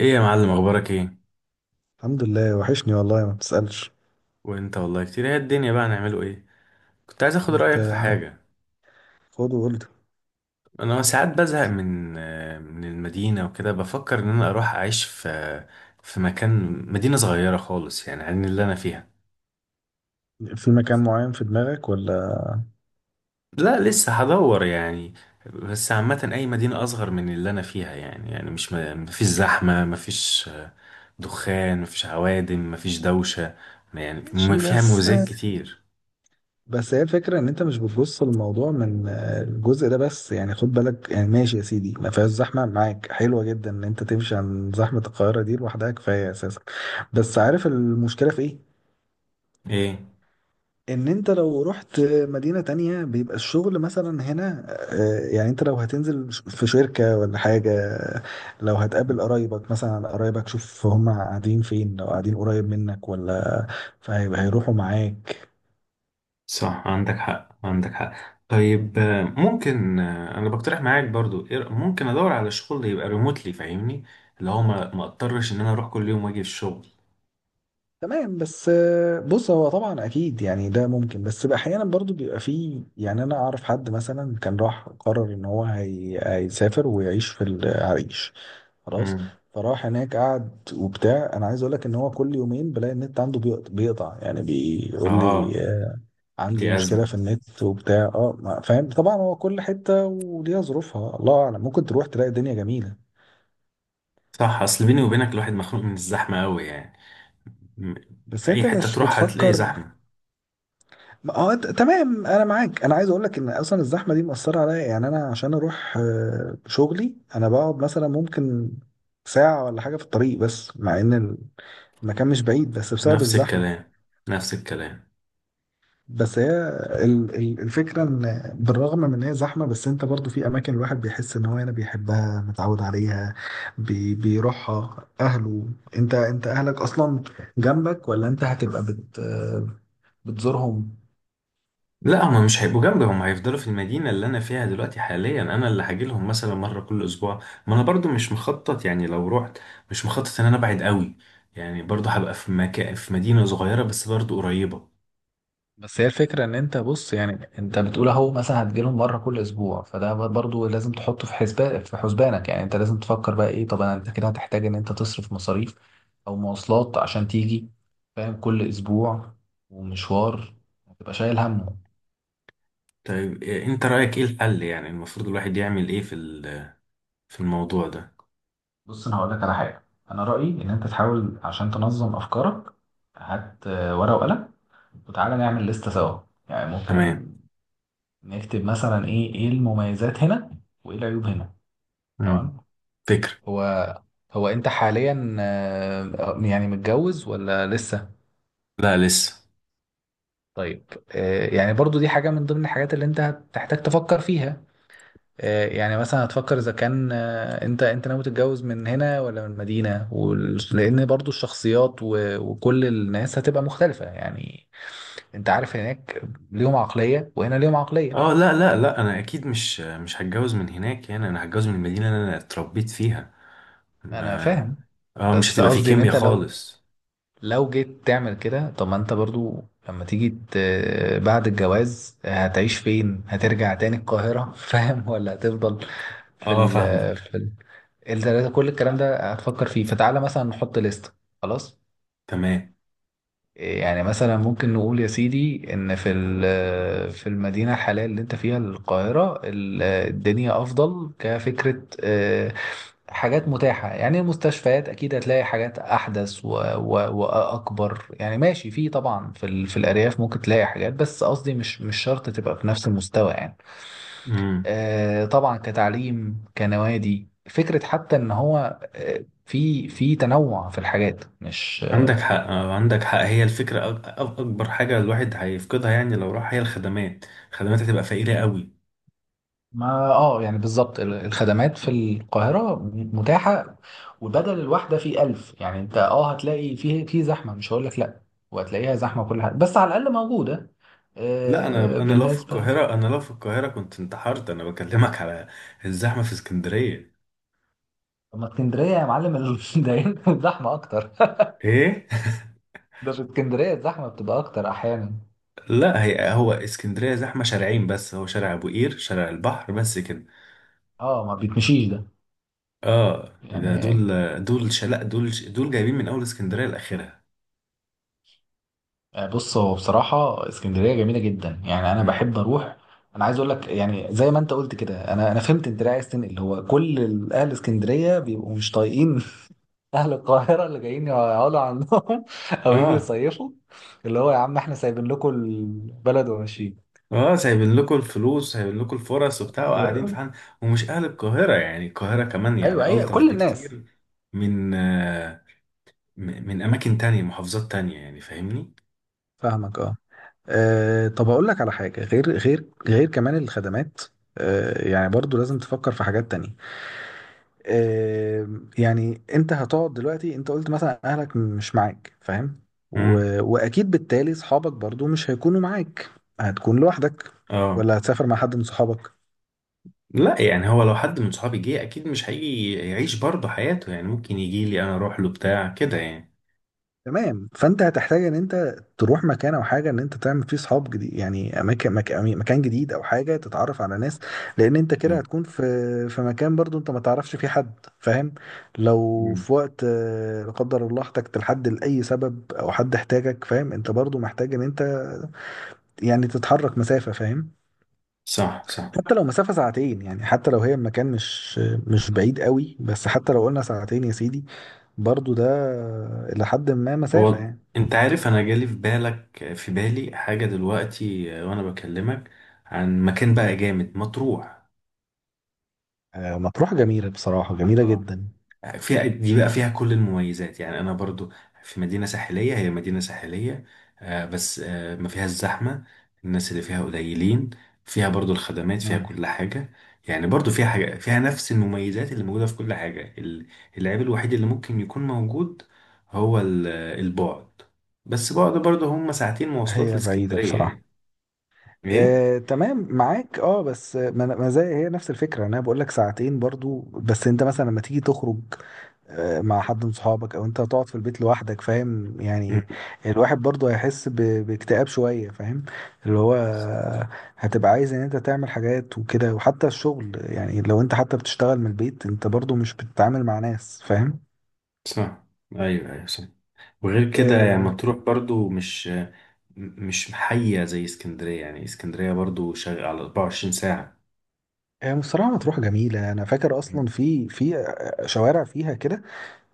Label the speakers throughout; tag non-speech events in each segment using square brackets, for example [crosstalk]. Speaker 1: ايه يا معلم، اخبارك ايه؟
Speaker 2: الحمد لله، وحشني والله ما بتسألش.
Speaker 1: وانت والله كتير، هي الدنيا بقى نعمله ايه؟ كنت عايز اخد
Speaker 2: انت
Speaker 1: رايك في حاجه.
Speaker 2: خد وقول
Speaker 1: انا ساعات بزهق من المدينه وكده، بفكر ان انا اروح اعيش في مكان، مدينه صغيره خالص يعني عن اللي انا فيها.
Speaker 2: لي، في مكان معين في دماغك ولا؟
Speaker 1: لا، لسه هدور يعني. بس عامه اي مدينه اصغر من اللي انا فيها يعني مش مفيش زحمه، مفيش دخان، مفيش عوادم، مفيش دوشه. يعني
Speaker 2: ماشي،
Speaker 1: فيها
Speaker 2: بس
Speaker 1: مميزات كتير.
Speaker 2: بس هي الفكرة ان انت مش بتبص للموضوع من الجزء ده بس، يعني خد بالك، يعني ماشي يا سيدي ما فيهاش زحمة، معاك، حلوة جدا ان انت تمشي عن زحمة القاهرة دي لوحدها كفاية اساسا. بس عارف المشكلة في ايه؟
Speaker 1: ايه؟
Speaker 2: ان انت لو رحت مدينة تانية بيبقى الشغل مثلا هنا. يعني انت لو هتنزل في شركة ولا حاجة، لو هتقابل قرايبك مثلا، قرايبك شوف هم قاعدين فين، لو قاعدين قريب منك ولا فهيبقى هيروحوا معاك.
Speaker 1: صح، عندك حق، عندك حق. طيب ممكن انا بقترح معاك برضو، ممكن ادور على شغل يبقى ريموتلي، فاهمني؟ اللي هو ما اضطرش ان انا اروح كل يوم واجي الشغل.
Speaker 2: تمام، بس بص هو طبعا اكيد يعني ده ممكن، بس بقى احيانا برضو بيبقى فيه، يعني انا اعرف حد مثلا كان راح قرر ان هو هيسافر ويعيش في العريش خلاص.
Speaker 1: امم.
Speaker 2: فراح هناك قعد وبتاع، انا عايز اقول لك ان هو كل يومين بلاقي النت عنده بيقطع، يعني بيقول لي
Speaker 1: اه. دي
Speaker 2: عندي مشكله
Speaker 1: ازمه.
Speaker 2: في النت وبتاع، اه فاهم طبعا. هو كل حته وليها ظروفها، الله اعلم ممكن تروح تلاقي الدنيا جميله.
Speaker 1: صح، اصل بيني وبينك الواحد مخنوق من الزحمه قوي يعني. م-
Speaker 2: بس
Speaker 1: في اي
Speaker 2: انت
Speaker 1: حته
Speaker 2: مش
Speaker 1: تروح هتلاقي
Speaker 2: بتفكر.
Speaker 1: زحمه.
Speaker 2: اه تمام انا معاك، انا عايز اقول لك ان اصلا الزحمه دي مأثره عليا، يعني انا عشان اروح شغلي انا بقعد مثلا ممكن ساعه ولا حاجه في الطريق، بس مع ان المكان مش بعيد بس بسبب
Speaker 1: نفس
Speaker 2: الزحمه.
Speaker 1: الكلام، نفس الكلام.
Speaker 2: بس هي الفكرة ان بالرغم من ان هي زحمة، بس انت برضو في اماكن الواحد بيحس ان هو هنا بيحبها، متعود عليها، بيروحها اهله. انت، انت اهلك اصلا جنبك، ولا انت هتبقى بتزورهم؟
Speaker 1: لا، هما مش هيبقوا جنبي، هما هيفضلوا في المدينة اللي أنا فيها دلوقتي حاليا. أنا اللي هاجيلهم مثلا مرة كل أسبوع. ما أنا برضو مش مخطط يعني لو رحت، مش مخطط إن أنا أبعد قوي. يعني برضو هبقى في مكان، في مدينة صغيرة بس برضو قريبة.
Speaker 2: بس هي الفكرة ان انت بص، يعني انت بتقول اهو مثلا هتجيلهم مرة كل اسبوع، فده برضو لازم تحطه في حسبان، في حسبانك، يعني انت لازم تفكر بقى ايه. طب انا، انت كده هتحتاج ان انت تصرف مصاريف او مواصلات عشان تيجي، فاهم، كل اسبوع، ومشوار، هتبقى شايل همه.
Speaker 1: طيب أنت رأيك إيه الحل؟ يعني المفروض الواحد يعمل إيه في في الموضوع ده؟
Speaker 2: بص انا هقولك على حاجة. انا رأيي ان انت تحاول عشان تنظم افكارك. هات ورقة وقلم، وتعالى نعمل لستة سوا. يعني
Speaker 1: تمام.
Speaker 2: ممكن نكتب مثلا ايه ايه المميزات هنا، وايه العيوب هنا.
Speaker 1: مم.
Speaker 2: تمام.
Speaker 1: فكرة.
Speaker 2: هو هو انت حاليا يعني متجوز ولا لسه؟
Speaker 1: لا، لسه.
Speaker 2: طيب، يعني برضو دي حاجة من ضمن الحاجات اللي انت هتحتاج تفكر فيها. يعني مثلا هتفكر اذا كان انت ناوي تتجوز من هنا ولا من المدينة، لان برضو الشخصيات وكل الناس هتبقى مختلفة يعني. انت عارف هناك ليهم عقلية، وهنا ليهم عقلية.
Speaker 1: اه، لا لا لا، انا اكيد مش هتجوز من هناك، يعني انا هتجوز من المدينه اللي انا اتربيت فيها.
Speaker 2: انا
Speaker 1: ما
Speaker 2: فاهم،
Speaker 1: اه، مش
Speaker 2: بس
Speaker 1: هتبقى في
Speaker 2: قصدي ان
Speaker 1: كيمياء
Speaker 2: انت لو،
Speaker 1: خالص.
Speaker 2: لو جيت تعمل كده، طب ما انت برضو لما تيجي بعد الجواز هتعيش فين؟ هترجع تاني القاهرة؟ [laughs] فاهم، ولا هتفضل في
Speaker 1: اه،
Speaker 2: ال،
Speaker 1: فاهمك.
Speaker 2: في ال، كل الكلام ده هتفكر فيه، فتعالى مثلا نحط لستة خلاص.
Speaker 1: تمام.
Speaker 2: يعني مثلا ممكن نقول يا سيدي ان في في المدينه الحاليه اللي انت فيها القاهره، الدنيا افضل كفكره، حاجات متاحه يعني، المستشفيات اكيد هتلاقي حاجات احدث واكبر يعني. ماشي، في طبعا في في الارياف ممكن تلاقي حاجات، بس قصدي مش شرط تبقى في نفس المستوى يعني.
Speaker 1: امم.
Speaker 2: طبعا كتعليم، كنوادي، فكره حتى ان هو في تنوع في الحاجات مش...
Speaker 1: عندك حق، عندك حق. هي الفكرة، أكبر حاجة الواحد هيفقدها يعني لو راح هي الخدمات. الخدمات هتبقى فقيرة قوي.
Speaker 2: ما اه يعني بالظبط الخدمات في القاهرة متاحة، وبدل الواحدة في ألف يعني، انت اه هتلاقي فيه في زحمة، مش هقول لك لا، وهتلاقيها زحمة كل حاجة، بس على الأقل موجودة.
Speaker 1: لا، أنا
Speaker 2: آه
Speaker 1: أنا لو في
Speaker 2: بالنسبة،
Speaker 1: القاهرة، أنا لو في القاهرة كنت انتحرت. أنا بكلمك على الزحمة في اسكندرية.
Speaker 2: اما اسكندرية يا معلم [laughs] ده هنا زحمة أكتر.
Speaker 1: إيه؟ [laughs]
Speaker 2: [laughs] ده في اسكندرية الزحمة بتبقى أكتر أحيانا.
Speaker 1: لا، هي هو اسكندرية زحمة شارعين بس، هو شارع أبو قير، شارع البحر بس كده.
Speaker 2: اه ما بيتمشيش ده
Speaker 1: آه، ده دول،
Speaker 2: يعني.
Speaker 1: دول شلاء دول جايبين من أول اسكندرية لآخرها.
Speaker 2: بص هو بصراحة اسكندرية جميلة جدا، يعني أنا
Speaker 1: امم.
Speaker 2: بحب أروح. أنا عايز أقول لك، يعني زي ما أنت قلت كده، أنا فهمت أنت ليه عايز تنقل، هو كل أهل اسكندرية بيبقوا مش طايقين [laughs] أهل القاهرة اللي جايين يقعدوا عندهم [laughs] أو يجوا
Speaker 1: آه.
Speaker 2: يصيفوا، اللي هو يا عم إحنا سايبين لكم البلد وماشيين.
Speaker 1: اه، سايبين لكم الفلوس، سايبين لكم الفرص وبتاع، وقاعدين في
Speaker 2: ب-
Speaker 1: حال. ومش اهل القاهره، يعني القاهره كمان
Speaker 2: أيوه
Speaker 1: يعني
Speaker 2: أيوه
Speaker 1: الطف
Speaker 2: كل الناس.
Speaker 1: بكتير من آه، من اماكن تانية، محافظات تانية يعني، فاهمني؟
Speaker 2: فاهمك أه. طب أقول لك على حاجة، غير كمان الخدمات، يعني برضو لازم تفكر في حاجات تانية. يعني انت هتقعد دلوقتي، انت قلت مثلا اهلك مش معاك، فاهم، و...
Speaker 1: امم.
Speaker 2: واكيد بالتالي صحابك برضو مش هيكونوا معاك، هتكون لوحدك،
Speaker 1: اه.
Speaker 2: ولا هتسافر مع حد من صحابك؟
Speaker 1: لا، يعني هو لو حد من صحابي جه اكيد مش هيجي يعيش برضه حياته، يعني ممكن يجي لي، انا اروح له، بتاع كده يعني.
Speaker 2: تمام، فانت هتحتاج ان انت تروح مكان او حاجه ان انت تعمل فيه صحاب جديد، يعني اماكن، مكان جديد او حاجه تتعرف على ناس، لان انت كده
Speaker 1: مم.
Speaker 2: هتكون في، في مكان برضو انت ما تعرفش فيه حد، فاهم. لو
Speaker 1: مم.
Speaker 2: في وقت، لا قدر الله، احتجت لحد لاي سبب او حد احتاجك، فاهم، انت برضو محتاج ان انت يعني تتحرك مسافة، فاهم.
Speaker 1: صح، صح.
Speaker 2: حتى لو مسافة ساعتين، يعني حتى لو هي المكان مش بعيد قوي، بس حتى لو قلنا ساعتين يا سيدي، برضو ده إلى حد ما مسافة
Speaker 1: هو
Speaker 2: يعني.
Speaker 1: انت عارف انا جالي في بالك، في بالي حاجه دلوقتي وانا بكلمك عن مكان بقى جامد، مطروح.
Speaker 2: مطروح جميلة بصراحة، جميلة جدا.
Speaker 1: فيها دي بقى، فيها كل المميزات يعني. انا برضو في مدينة ساحلية، هي مدينة ساحلية، بس ما فيهاش زحمة. الناس اللي فيها قليلين. فيها برضو الخدمات، فيها
Speaker 2: مم.
Speaker 1: كل حاجة. يعني برضو فيها حاجة، فيها نفس المميزات اللي موجودة في كل حاجة. العيب الوحيد اللي ممكن يكون موجود هو البعد. بس بعد برضو هم ساعتين مواصلات
Speaker 2: هي بعيدة
Speaker 1: لاسكندرية
Speaker 2: بصراحة.
Speaker 1: يعني. ايه؟
Speaker 2: تمام معاك، اه، بس ما زي، هي نفس الفكرة، انا بقول لك ساعتين برضو، بس انت مثلا لما تيجي تخرج مع حد من صحابك، او انت هتقعد في البيت لوحدك، فاهم، يعني
Speaker 1: مم،
Speaker 2: الواحد برضه هيحس باكتئاب شوية، فاهم، اللي هو هتبقى عايز ان انت تعمل حاجات وكده، وحتى الشغل يعني لو انت حتى بتشتغل من البيت، انت برضه مش بتتعامل مع ناس، فاهم.
Speaker 1: صح. ايوه، ايوه، صح. وغير كده يعني
Speaker 2: آه،
Speaker 1: مطروح برضو مش، مش محية زي اسكندرية، يعني اسكندرية برضو شغال على 24 ساعة.
Speaker 2: هي بصراحة مطروح جميلة، أنا فاكر
Speaker 1: مم.
Speaker 2: أصلا في، في شوارع فيها كده،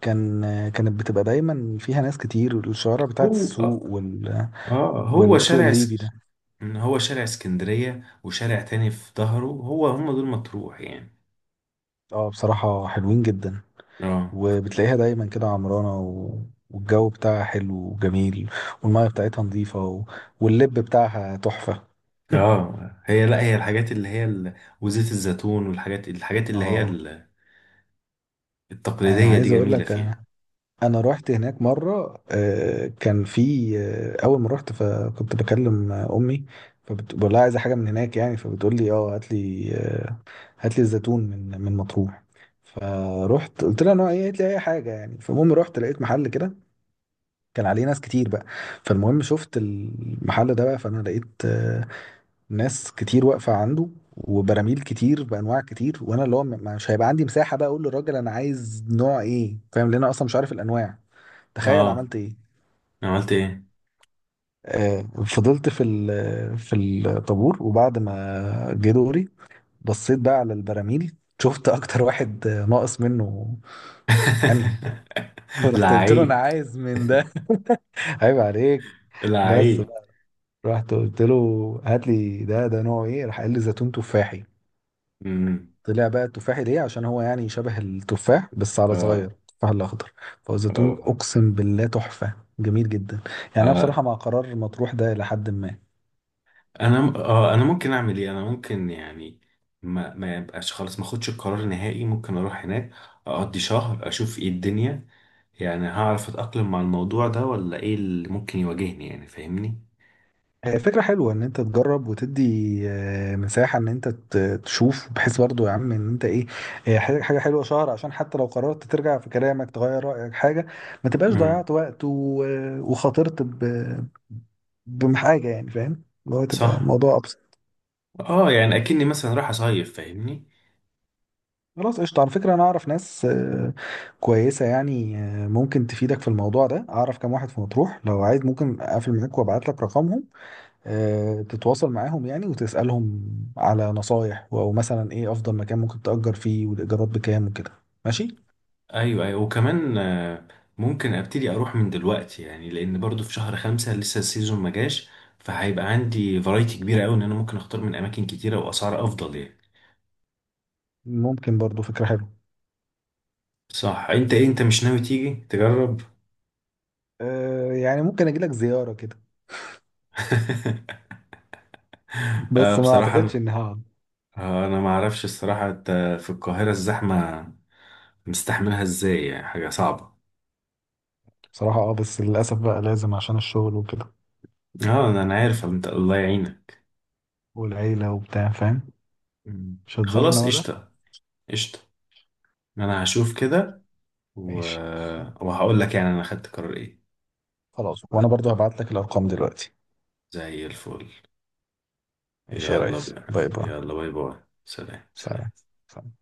Speaker 2: كان، كانت بتبقى دايما فيها ناس كتير، الشوارع بتاعت
Speaker 1: هو
Speaker 2: السوق،
Speaker 1: اه هو
Speaker 2: والسوق
Speaker 1: شارع
Speaker 2: الليبي
Speaker 1: اس...
Speaker 2: ده.
Speaker 1: هو شارع اسكندرية وشارع تاني في ظهره، هو هم دول مطروح يعني.
Speaker 2: اه بصراحة حلوين جدا.
Speaker 1: اه.
Speaker 2: وبتلاقيها دايما كده عمرانة، والجو بتاعها حلو وجميل، والمية بتاعتها نظيفة، واللب بتاعها تحفة.
Speaker 1: اه، هي، لا هي الحاجات اللي هي وزيت الزيتون والحاجات، الحاجات
Speaker 2: [laughs]
Speaker 1: اللي هي
Speaker 2: اه انا
Speaker 1: التقليدية دي
Speaker 2: عايز اقول
Speaker 1: جميلة
Speaker 2: لك،
Speaker 1: فيها.
Speaker 2: انا رحت هناك مره، كان في، اول ما رحت فكنت بكلم امي، فبقول لها عايزه حاجه من هناك يعني، فبتقول لي اه هات لي هات لي الزيتون من مطروح. فروحت قلت لها نوع ايه، قالت لي اي حاجه يعني. فالمهم رحت لقيت محل كده، كان عليه ناس كتير بقى. فالمهم شفت المحل ده بقى، فانا لقيت ناس كتير واقفه عنده، وبراميل كتير بانواع كتير، وانا اللي هو مش هيبقى عندي مساحه بقى اقول للراجل انا عايز نوع ايه، فاهم، لان انا اصلا مش عارف الانواع. تخيل
Speaker 1: اه.
Speaker 2: عملت ايه؟
Speaker 1: عملت ايه؟
Speaker 2: آه، فضلت في في الطابور، وبعد ما جه دوري بصيت بقى على البراميل، شفت اكتر واحد ناقص منه، انهي. [laughs]
Speaker 1: [laughs]
Speaker 2: فرحت قلت له انا
Speaker 1: لعيب،
Speaker 2: عايز من ده. [laughs] عيب عليك. بس
Speaker 1: لعيب.
Speaker 2: رحت قلت له هات لي ده، ده نوع ايه، راح قال لي زيتون تفاحي.
Speaker 1: امم.
Speaker 2: طلع بقى التفاحي ليه؟ عشان هو يعني شبه التفاح، بس على صغير،
Speaker 1: اه.
Speaker 2: التفاح الاخضر. فهو زيتون
Speaker 1: اه.
Speaker 2: اقسم بالله تحفه، جميل جدا. يعني انا بصراحه
Speaker 1: آه.
Speaker 2: مع قرار مطروح ده الى حد ما.
Speaker 1: انا م- اه انا ممكن اعمل ايه؟ انا ممكن يعني ما يبقاش خالص، ما اخدش القرار نهائي، ممكن اروح هناك اقضي شهر، اشوف ايه الدنيا، يعني هعرف اتاقلم مع الموضوع ده ولا ايه اللي ممكن يواجهني، يعني فاهمني؟
Speaker 2: هي فكرة حلوة إن أنت تجرب، وتدي مساحة إن أنت تشوف، بحيث برضو يا عم إن أنت إيه، حاجة حلوة شهر، عشان حتى لو قررت ترجع في كلامك، تغير رأيك حاجة، ما تبقاش
Speaker 1: امم.
Speaker 2: ضيعت وقت وخاطرت بحاجة يعني، فاهم، اللي هو تبقى
Speaker 1: صح.
Speaker 2: الموضوع أبسط.
Speaker 1: اه، يعني اكني مثلا رايح اصيف، فاهمني؟
Speaker 2: خلاص قشطة، على فكرة أنا أعرف ناس كويسة، يعني ممكن تفيدك في الموضوع ده، أعرف كام واحد في مطروح، لو عايز ممكن أقفل معاك وأبعت لك رقمهم، تتواصل معاهم يعني، وتسألهم على نصايح او مثلا ايه افضل مكان ممكن تأجر فيه، والايجارات بكام وكده. ماشي،
Speaker 1: ايوه، ايوه، وكمان ممكن ابتدي اروح من دلوقتي، يعني لان برضو في شهر 5 لسه السيزون ما جاش، فهيبقى عندي فرايتي كبيرة قوي ان انا ممكن اختار من اماكن كتيرة واسعار افضل يعني.
Speaker 2: ممكن برضو فكرة حلوة.
Speaker 1: صح. انت ايه، انت مش ناوي تيجي تجرب؟
Speaker 2: يعني ممكن اجي لك زيارة كده،
Speaker 1: [laughs] آه
Speaker 2: بس ما
Speaker 1: بصراحة
Speaker 2: اعتقدش
Speaker 1: انا،
Speaker 2: ان هقعد.
Speaker 1: أنا ما اعرفش الصراحة، انت في القاهرة الزحمة مستحملها ازاي يعني؟ حاجة صعبة.
Speaker 2: بصراحة اه، بس للاسف بقى لازم عشان الشغل وكده،
Speaker 1: اه، انا عارف انت الله يعينك.
Speaker 2: والعيلة وبتاع، فاهم.
Speaker 1: مم.
Speaker 2: مش هتزورنا
Speaker 1: خلاص
Speaker 2: بقى ده؟
Speaker 1: قشطة. قشطة. انا هشوف كده و...
Speaker 2: ماشي،
Speaker 1: وهقول لك يعني انا خدت قرار ايه.
Speaker 2: خلاص، وانا برضو هبعت لك الارقام دلوقتي.
Speaker 1: زي الفل.
Speaker 2: ماشي يا
Speaker 1: يلا
Speaker 2: ريس،
Speaker 1: بينا،
Speaker 2: باي باي،
Speaker 1: يلا، باي باي، سلام،
Speaker 2: سلام
Speaker 1: سلام.
Speaker 2: سلام.